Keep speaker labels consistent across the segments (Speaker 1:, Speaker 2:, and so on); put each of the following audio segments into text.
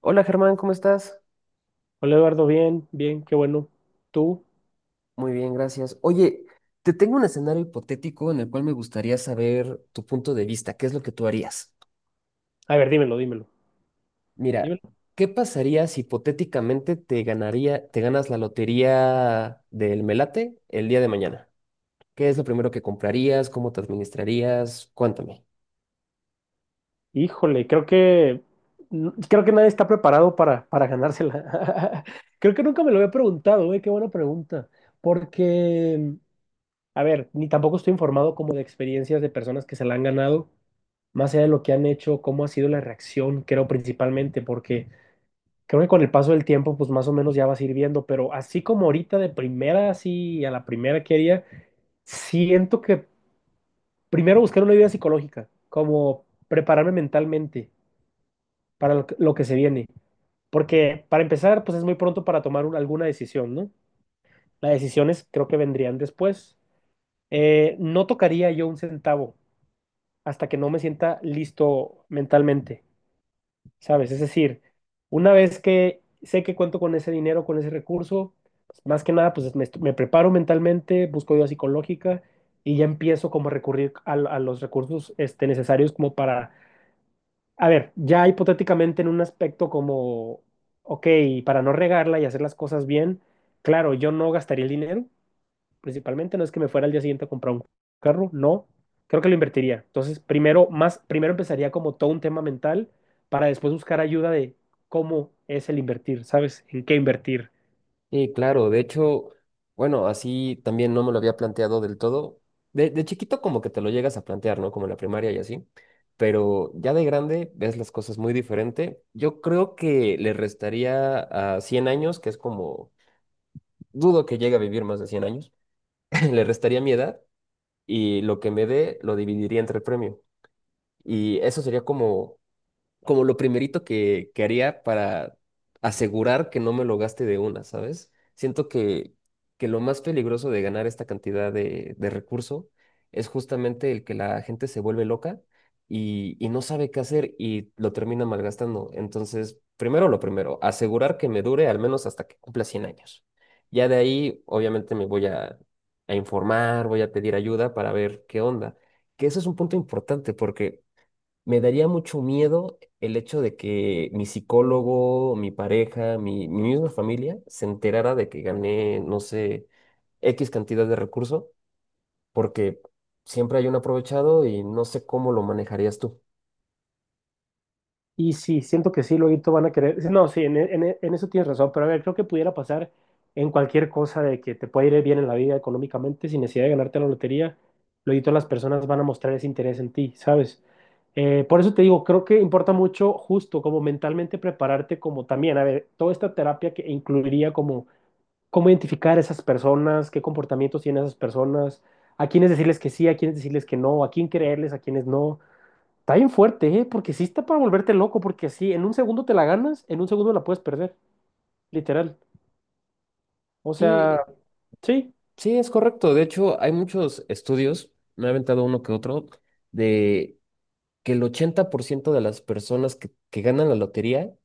Speaker 1: Hola Germán, ¿cómo estás?
Speaker 2: Hola Eduardo, bien, bien, qué bueno. ¿Tú?
Speaker 1: Muy bien, gracias. Oye, te tengo un escenario hipotético en el cual me gustaría saber tu punto de vista, qué es lo que tú harías.
Speaker 2: A ver, dímelo, dímelo,
Speaker 1: Mira,
Speaker 2: dímelo.
Speaker 1: ¿qué pasaría si hipotéticamente te ganas la lotería del Melate el día de mañana? ¿Qué es lo primero que comprarías? ¿Cómo te administrarías? Cuéntame.
Speaker 2: Híjole, creo que nadie está preparado para ganársela. Creo que nunca me lo había preguntado, ¿eh? Qué buena pregunta. Porque, a ver, ni tampoco estoy informado como de experiencias de personas que se la han ganado, más allá de lo que han hecho, cómo ha sido la reacción, creo principalmente, porque creo que con el paso del tiempo, pues más o menos ya vas a ir viendo, pero así como ahorita de primera, así a la primera que haría, siento que primero buscar una ayuda psicológica, como prepararme mentalmente para lo que se viene. Porque para empezar, pues es muy pronto para tomar alguna decisión, ¿no? Las decisiones creo que vendrían después. No tocaría yo un centavo hasta que no me sienta listo mentalmente, ¿sabes? Es decir, una vez que sé que cuento con ese dinero, con ese recurso, pues, más que nada, pues me preparo mentalmente, busco ayuda psicológica y ya empiezo como a recurrir a los recursos necesarios como para. A ver, ya hipotéticamente en un aspecto como, ok, para no regarla y hacer las cosas bien, claro, yo no gastaría el dinero, principalmente, no es que me fuera al día siguiente a comprar un carro, no, creo que lo invertiría. Entonces, primero, más, primero empezaría como todo un tema mental para después buscar ayuda de cómo es el invertir, ¿sabes? ¿En qué invertir?
Speaker 1: Sí, claro, de hecho, bueno, así también no me lo había planteado del todo. De chiquito como que te lo llegas a plantear, ¿no? Como en la primaria y así, pero ya de grande ves las cosas muy diferente. Yo creo que le restaría a 100 años, que es como, dudo que llegue a vivir más de 100 años, le restaría mi edad y lo que me dé lo dividiría entre el premio. Y eso sería como lo primerito que haría para asegurar que no me lo gaste de una, ¿sabes? Siento que lo más peligroso de ganar esta cantidad de recurso es justamente el que la gente se vuelve loca y no sabe qué hacer y lo termina malgastando. Entonces, primero lo primero, asegurar que me dure al menos hasta que cumpla 100 años. Ya de ahí, obviamente, a informar, voy a pedir ayuda para ver qué onda. Que eso es un punto importante porque me daría mucho miedo el hecho de que mi psicólogo, mi pareja, mi misma familia se enterara de que gané, no sé, X cantidad de recurso, porque siempre hay un aprovechado y no sé cómo lo manejarías tú.
Speaker 2: Y sí, siento que sí, luego van a querer. Sí, no, sí, en eso tienes razón, pero a ver, creo que pudiera pasar en cualquier cosa de que te puede ir bien en la vida económicamente sin necesidad de ganarte la lotería. Luego las personas van a mostrar ese interés en ti, ¿sabes? Por eso te digo, creo que importa mucho justo como mentalmente prepararte como también, a ver, toda esta terapia que incluiría como cómo identificar a esas personas, qué comportamientos tienen esas personas, a quiénes decirles que sí, a quiénes decirles que no, a quién creerles, a quiénes no. Está bien fuerte, ¿eh? Porque sí está para volverte loco, porque sí, en un segundo te la ganas, en un segundo la puedes perder, literal. O sea,
Speaker 1: Sí,
Speaker 2: sí,
Speaker 1: sí, es correcto. De hecho, hay muchos estudios, me he aventado uno que otro, de que el 80% de las personas que ganan la lotería,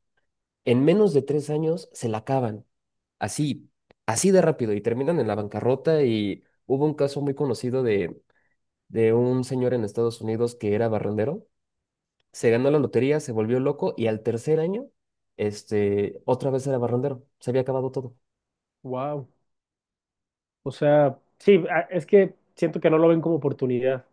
Speaker 1: en menos de 3 años se la acaban. Así, así de rápido y terminan en la bancarrota, y hubo un caso muy conocido de un señor en Estados Unidos que era barrendero, se ganó la lotería, se volvió loco y al tercer año, este, otra vez era barrendero, se había acabado todo.
Speaker 2: wow. O sea, sí, es que siento que no lo ven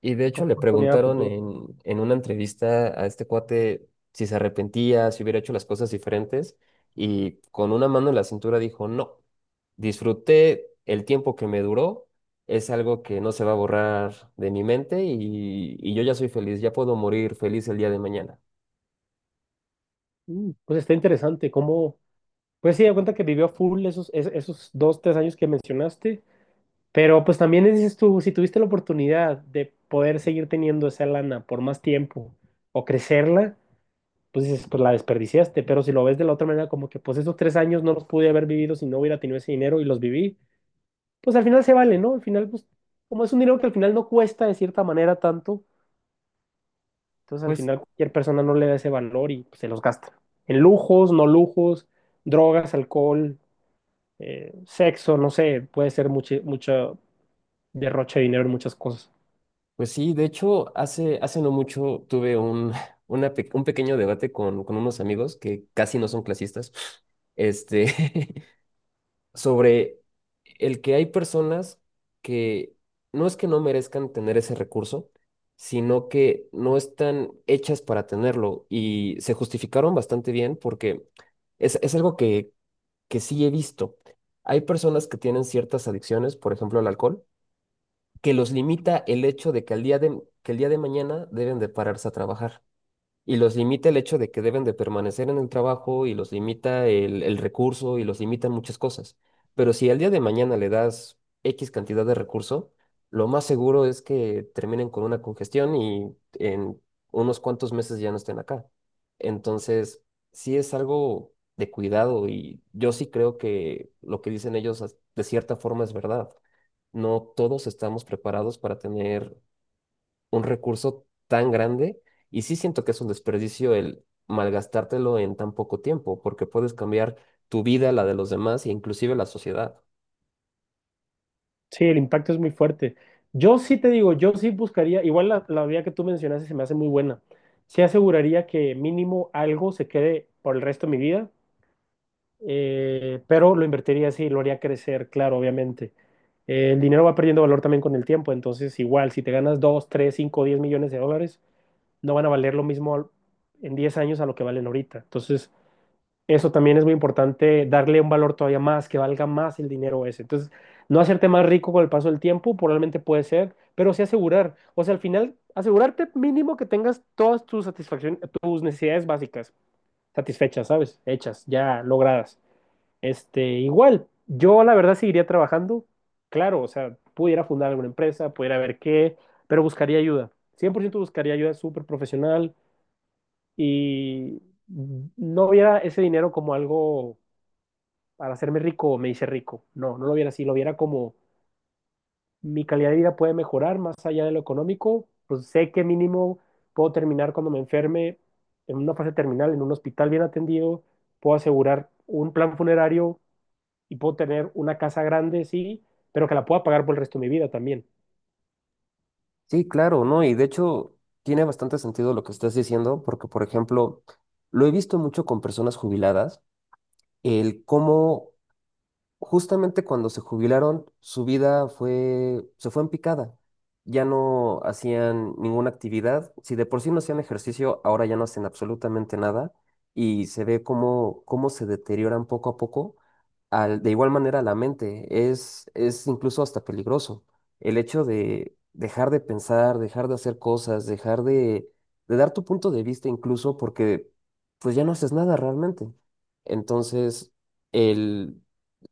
Speaker 1: Y de hecho
Speaker 2: como
Speaker 1: le
Speaker 2: oportunidad a
Speaker 1: preguntaron
Speaker 2: futuro.
Speaker 1: en una entrevista a este cuate si se arrepentía, si hubiera hecho las cosas diferentes, y con una mano en la cintura dijo, no, disfruté el tiempo que me duró, es algo que no se va a borrar de mi mente y yo ya soy feliz, ya puedo morir feliz el día de mañana.
Speaker 2: Pues está interesante, cómo pues sí, da cuenta que vivió a full esos, esos 2, 3 años que mencionaste, pero pues también dices tú, si tuviste la oportunidad de poder seguir teniendo esa lana por más tiempo o crecerla pues dices, pues la desperdiciaste, pero si lo ves de la otra manera, como que pues esos 3 años no los pude haber vivido si no hubiera tenido ese dinero y los viví, pues al final se vale, ¿no? Al final, pues como es un dinero que al final no cuesta de cierta manera tanto, entonces al
Speaker 1: Pues,
Speaker 2: final cualquier persona no le da ese valor y pues, se los gasta. En lujos, no lujos, drogas, alcohol, sexo, no sé, puede ser mucho, mucho derroche de dinero en muchas cosas.
Speaker 1: pues sí, de hecho, hace no mucho tuve un, un pequeño debate con unos amigos que casi no son clasistas. Este, sobre el que hay personas que no es que no merezcan tener ese recurso, sino que no están hechas para tenerlo, y se justificaron bastante bien porque es algo que sí he visto. Hay personas que tienen ciertas adicciones, por ejemplo, al alcohol, que los limita el hecho de que que el día de mañana deben de pararse a trabajar, y los limita el hecho de que deben de permanecer en el trabajo, y los limita el recurso y los limitan muchas cosas. Pero si al día de mañana le das X cantidad de recurso, lo más seguro es que terminen con una congestión y en unos cuantos meses ya no estén acá. Entonces, sí es algo de cuidado y yo sí creo que lo que dicen ellos de cierta forma es verdad. No todos estamos preparados para tener un recurso tan grande, y sí siento que es un desperdicio el malgastártelo en tan poco tiempo, porque puedes cambiar tu vida, la de los demás e inclusive la sociedad.
Speaker 2: Sí, el impacto es muy fuerte. Yo sí te digo, yo sí buscaría, igual la vía que tú mencionaste se me hace muy buena. Sí aseguraría que mínimo algo se quede por el resto de mi vida, pero lo invertiría así, lo haría crecer, claro, obviamente. El dinero va perdiendo valor también con el tiempo, entonces igual, si te ganas 2, 3, 5, 10 millones de dólares, no van a valer lo mismo en 10 años a lo que valen ahorita. Entonces, eso también es muy importante, darle un valor todavía más, que valga más el dinero ese. Entonces, no hacerte más rico con el paso del tiempo, probablemente puede ser, pero sí asegurar. O sea, al final, asegurarte mínimo que tengas todas tus satisfacciones, tus necesidades básicas satisfechas, ¿sabes? Hechas, ya logradas. Igual, yo la verdad seguiría trabajando, claro, o sea, pudiera fundar alguna empresa, pudiera ver qué, pero buscaría ayuda. 100% buscaría ayuda súper profesional y no viera ese dinero como algo para hacerme rico me hice rico. No, no lo viera así, lo viera como mi calidad de vida puede mejorar más allá de lo económico, pues sé que mínimo puedo terminar cuando me enferme en una fase terminal, en un hospital bien atendido, puedo asegurar un plan funerario y puedo tener una casa grande, sí, pero que la pueda pagar por el resto de mi vida también.
Speaker 1: Sí, claro, ¿no? Y de hecho tiene bastante sentido lo que estás diciendo, porque, por ejemplo, lo he visto mucho con personas jubiladas, el cómo justamente cuando se jubilaron, su vida fue, se fue en picada. Ya no hacían ninguna actividad. Si de por sí no hacían ejercicio, ahora ya no hacen absolutamente nada. Y se ve cómo, cómo se deterioran poco a poco. De igual manera, la mente es incluso hasta peligroso. El hecho de dejar de pensar, dejar de hacer cosas, dejar de dar tu punto de vista incluso, porque pues ya no haces nada realmente. Entonces, el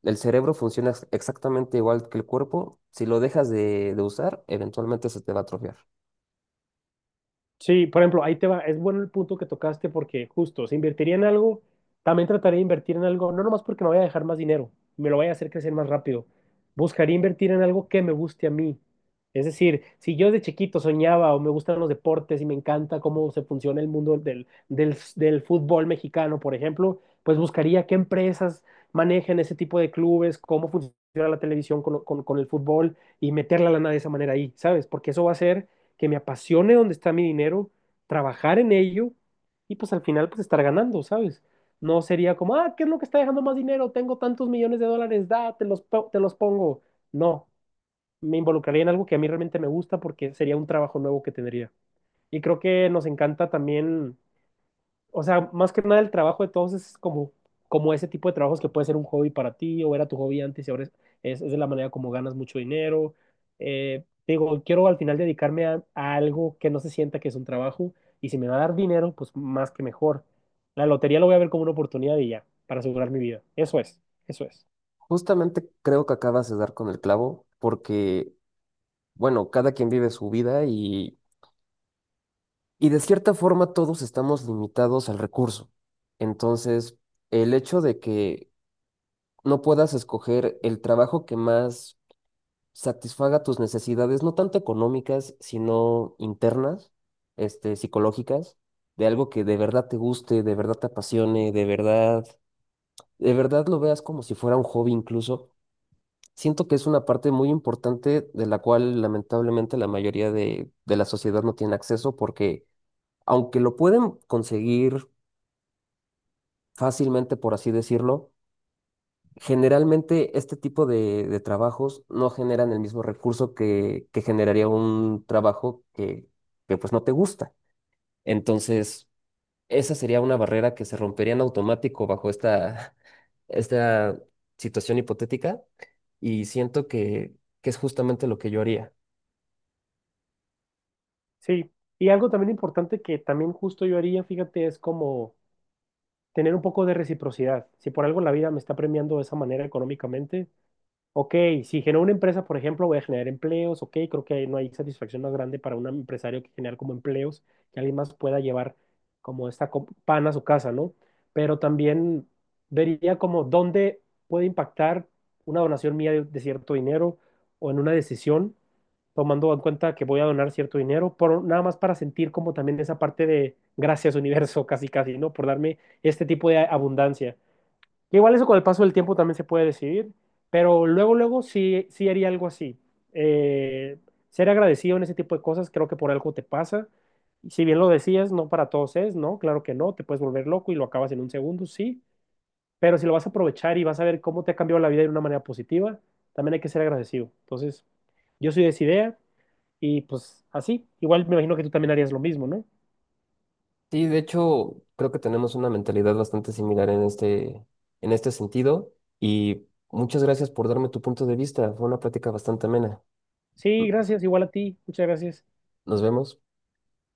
Speaker 1: cerebro funciona exactamente igual que el cuerpo. Si lo dejas de usar, eventualmente se te va a atrofiar.
Speaker 2: Sí, por ejemplo, ahí te va, es bueno el punto que tocaste porque justo, si invertiría en algo, también trataría de invertir en algo, no nomás porque me vaya a dejar más dinero, me lo vaya a hacer crecer más rápido. Buscaría invertir en algo que me guste a mí. Es decir, si yo de chiquito soñaba o me gustan los deportes y me encanta cómo se funciona el mundo del, fútbol mexicano, por ejemplo, pues buscaría qué empresas manejan ese tipo de clubes, cómo funciona la televisión con, con el fútbol y meter la lana de esa manera ahí, ¿sabes? Porque eso va a ser que me apasione donde está mi dinero, trabajar en ello y pues al final pues estar ganando, ¿sabes? No sería como, ah, ¿qué es lo que está dejando más dinero? Tengo tantos millones de dólares, da, te los pongo. No, me involucraría en algo que a mí realmente me gusta porque sería un trabajo nuevo que tendría. Y creo que nos encanta también o sea, más que nada el trabajo de todos es como, como ese tipo de trabajos que puede ser un hobby para ti o era tu hobby antes y ahora es, es de la manera como ganas mucho dinero. Digo, quiero al final dedicarme a algo que no se sienta que es un trabajo y si me va a dar dinero, pues más que mejor. La lotería lo voy a ver como una oportunidad y ya, para asegurar mi vida. Eso es, eso es.
Speaker 1: Justamente creo que acabas de dar con el clavo porque, bueno, cada quien vive su vida, y de cierta forma todos estamos limitados al recurso. Entonces, el hecho de que no puedas escoger el trabajo que más satisfaga tus necesidades, no tanto económicas, sino internas, este, psicológicas, de algo que de verdad te guste, de verdad te apasione, de verdad lo veas como si fuera un hobby incluso. Siento que es una parte muy importante de la cual lamentablemente la mayoría de la sociedad no tiene acceso porque aunque lo pueden conseguir fácilmente, por así decirlo, generalmente este tipo de trabajos no generan el mismo recurso que generaría un trabajo que pues no te gusta. Entonces, esa sería una barrera que se rompería en automático bajo esta, esta situación hipotética, y siento que es justamente lo que yo haría.
Speaker 2: Sí. Y algo también importante que también justo yo haría, fíjate, es como tener un poco de reciprocidad. Si por algo la vida me está premiando de esa manera económicamente, ok, si genero una empresa, por ejemplo, voy a generar empleos, ok, creo que no hay satisfacción más grande para un empresario que generar como empleos, que alguien más pueda llevar como esta pan a su casa, ¿no? Pero también vería como dónde puede impactar una donación mía de cierto dinero o en una decisión, tomando en cuenta que voy a donar cierto dinero, por, nada más para sentir como también esa parte de gracias universo, casi casi, ¿no? Por darme este tipo de abundancia. Que igual eso con el paso del tiempo también se puede decidir, pero luego, luego sí, sí haría algo así. Eh, Ser agradecido en ese tipo de cosas, creo que por algo te pasa. Y si bien lo decías, no para todos es, ¿no? Claro que no, te puedes volver loco y lo acabas en un segundo, sí, pero si lo vas a aprovechar y vas a ver cómo te ha cambiado la vida de una manera positiva, también hay que ser agradecido. Entonces, yo soy de esa idea y pues así, igual me imagino que tú también harías lo mismo, ¿no?
Speaker 1: Sí, de hecho, creo que tenemos una mentalidad bastante similar en este sentido, y muchas gracias por darme tu punto de vista. Fue una plática bastante amena.
Speaker 2: Sí, gracias, igual a ti, muchas gracias.
Speaker 1: Nos vemos.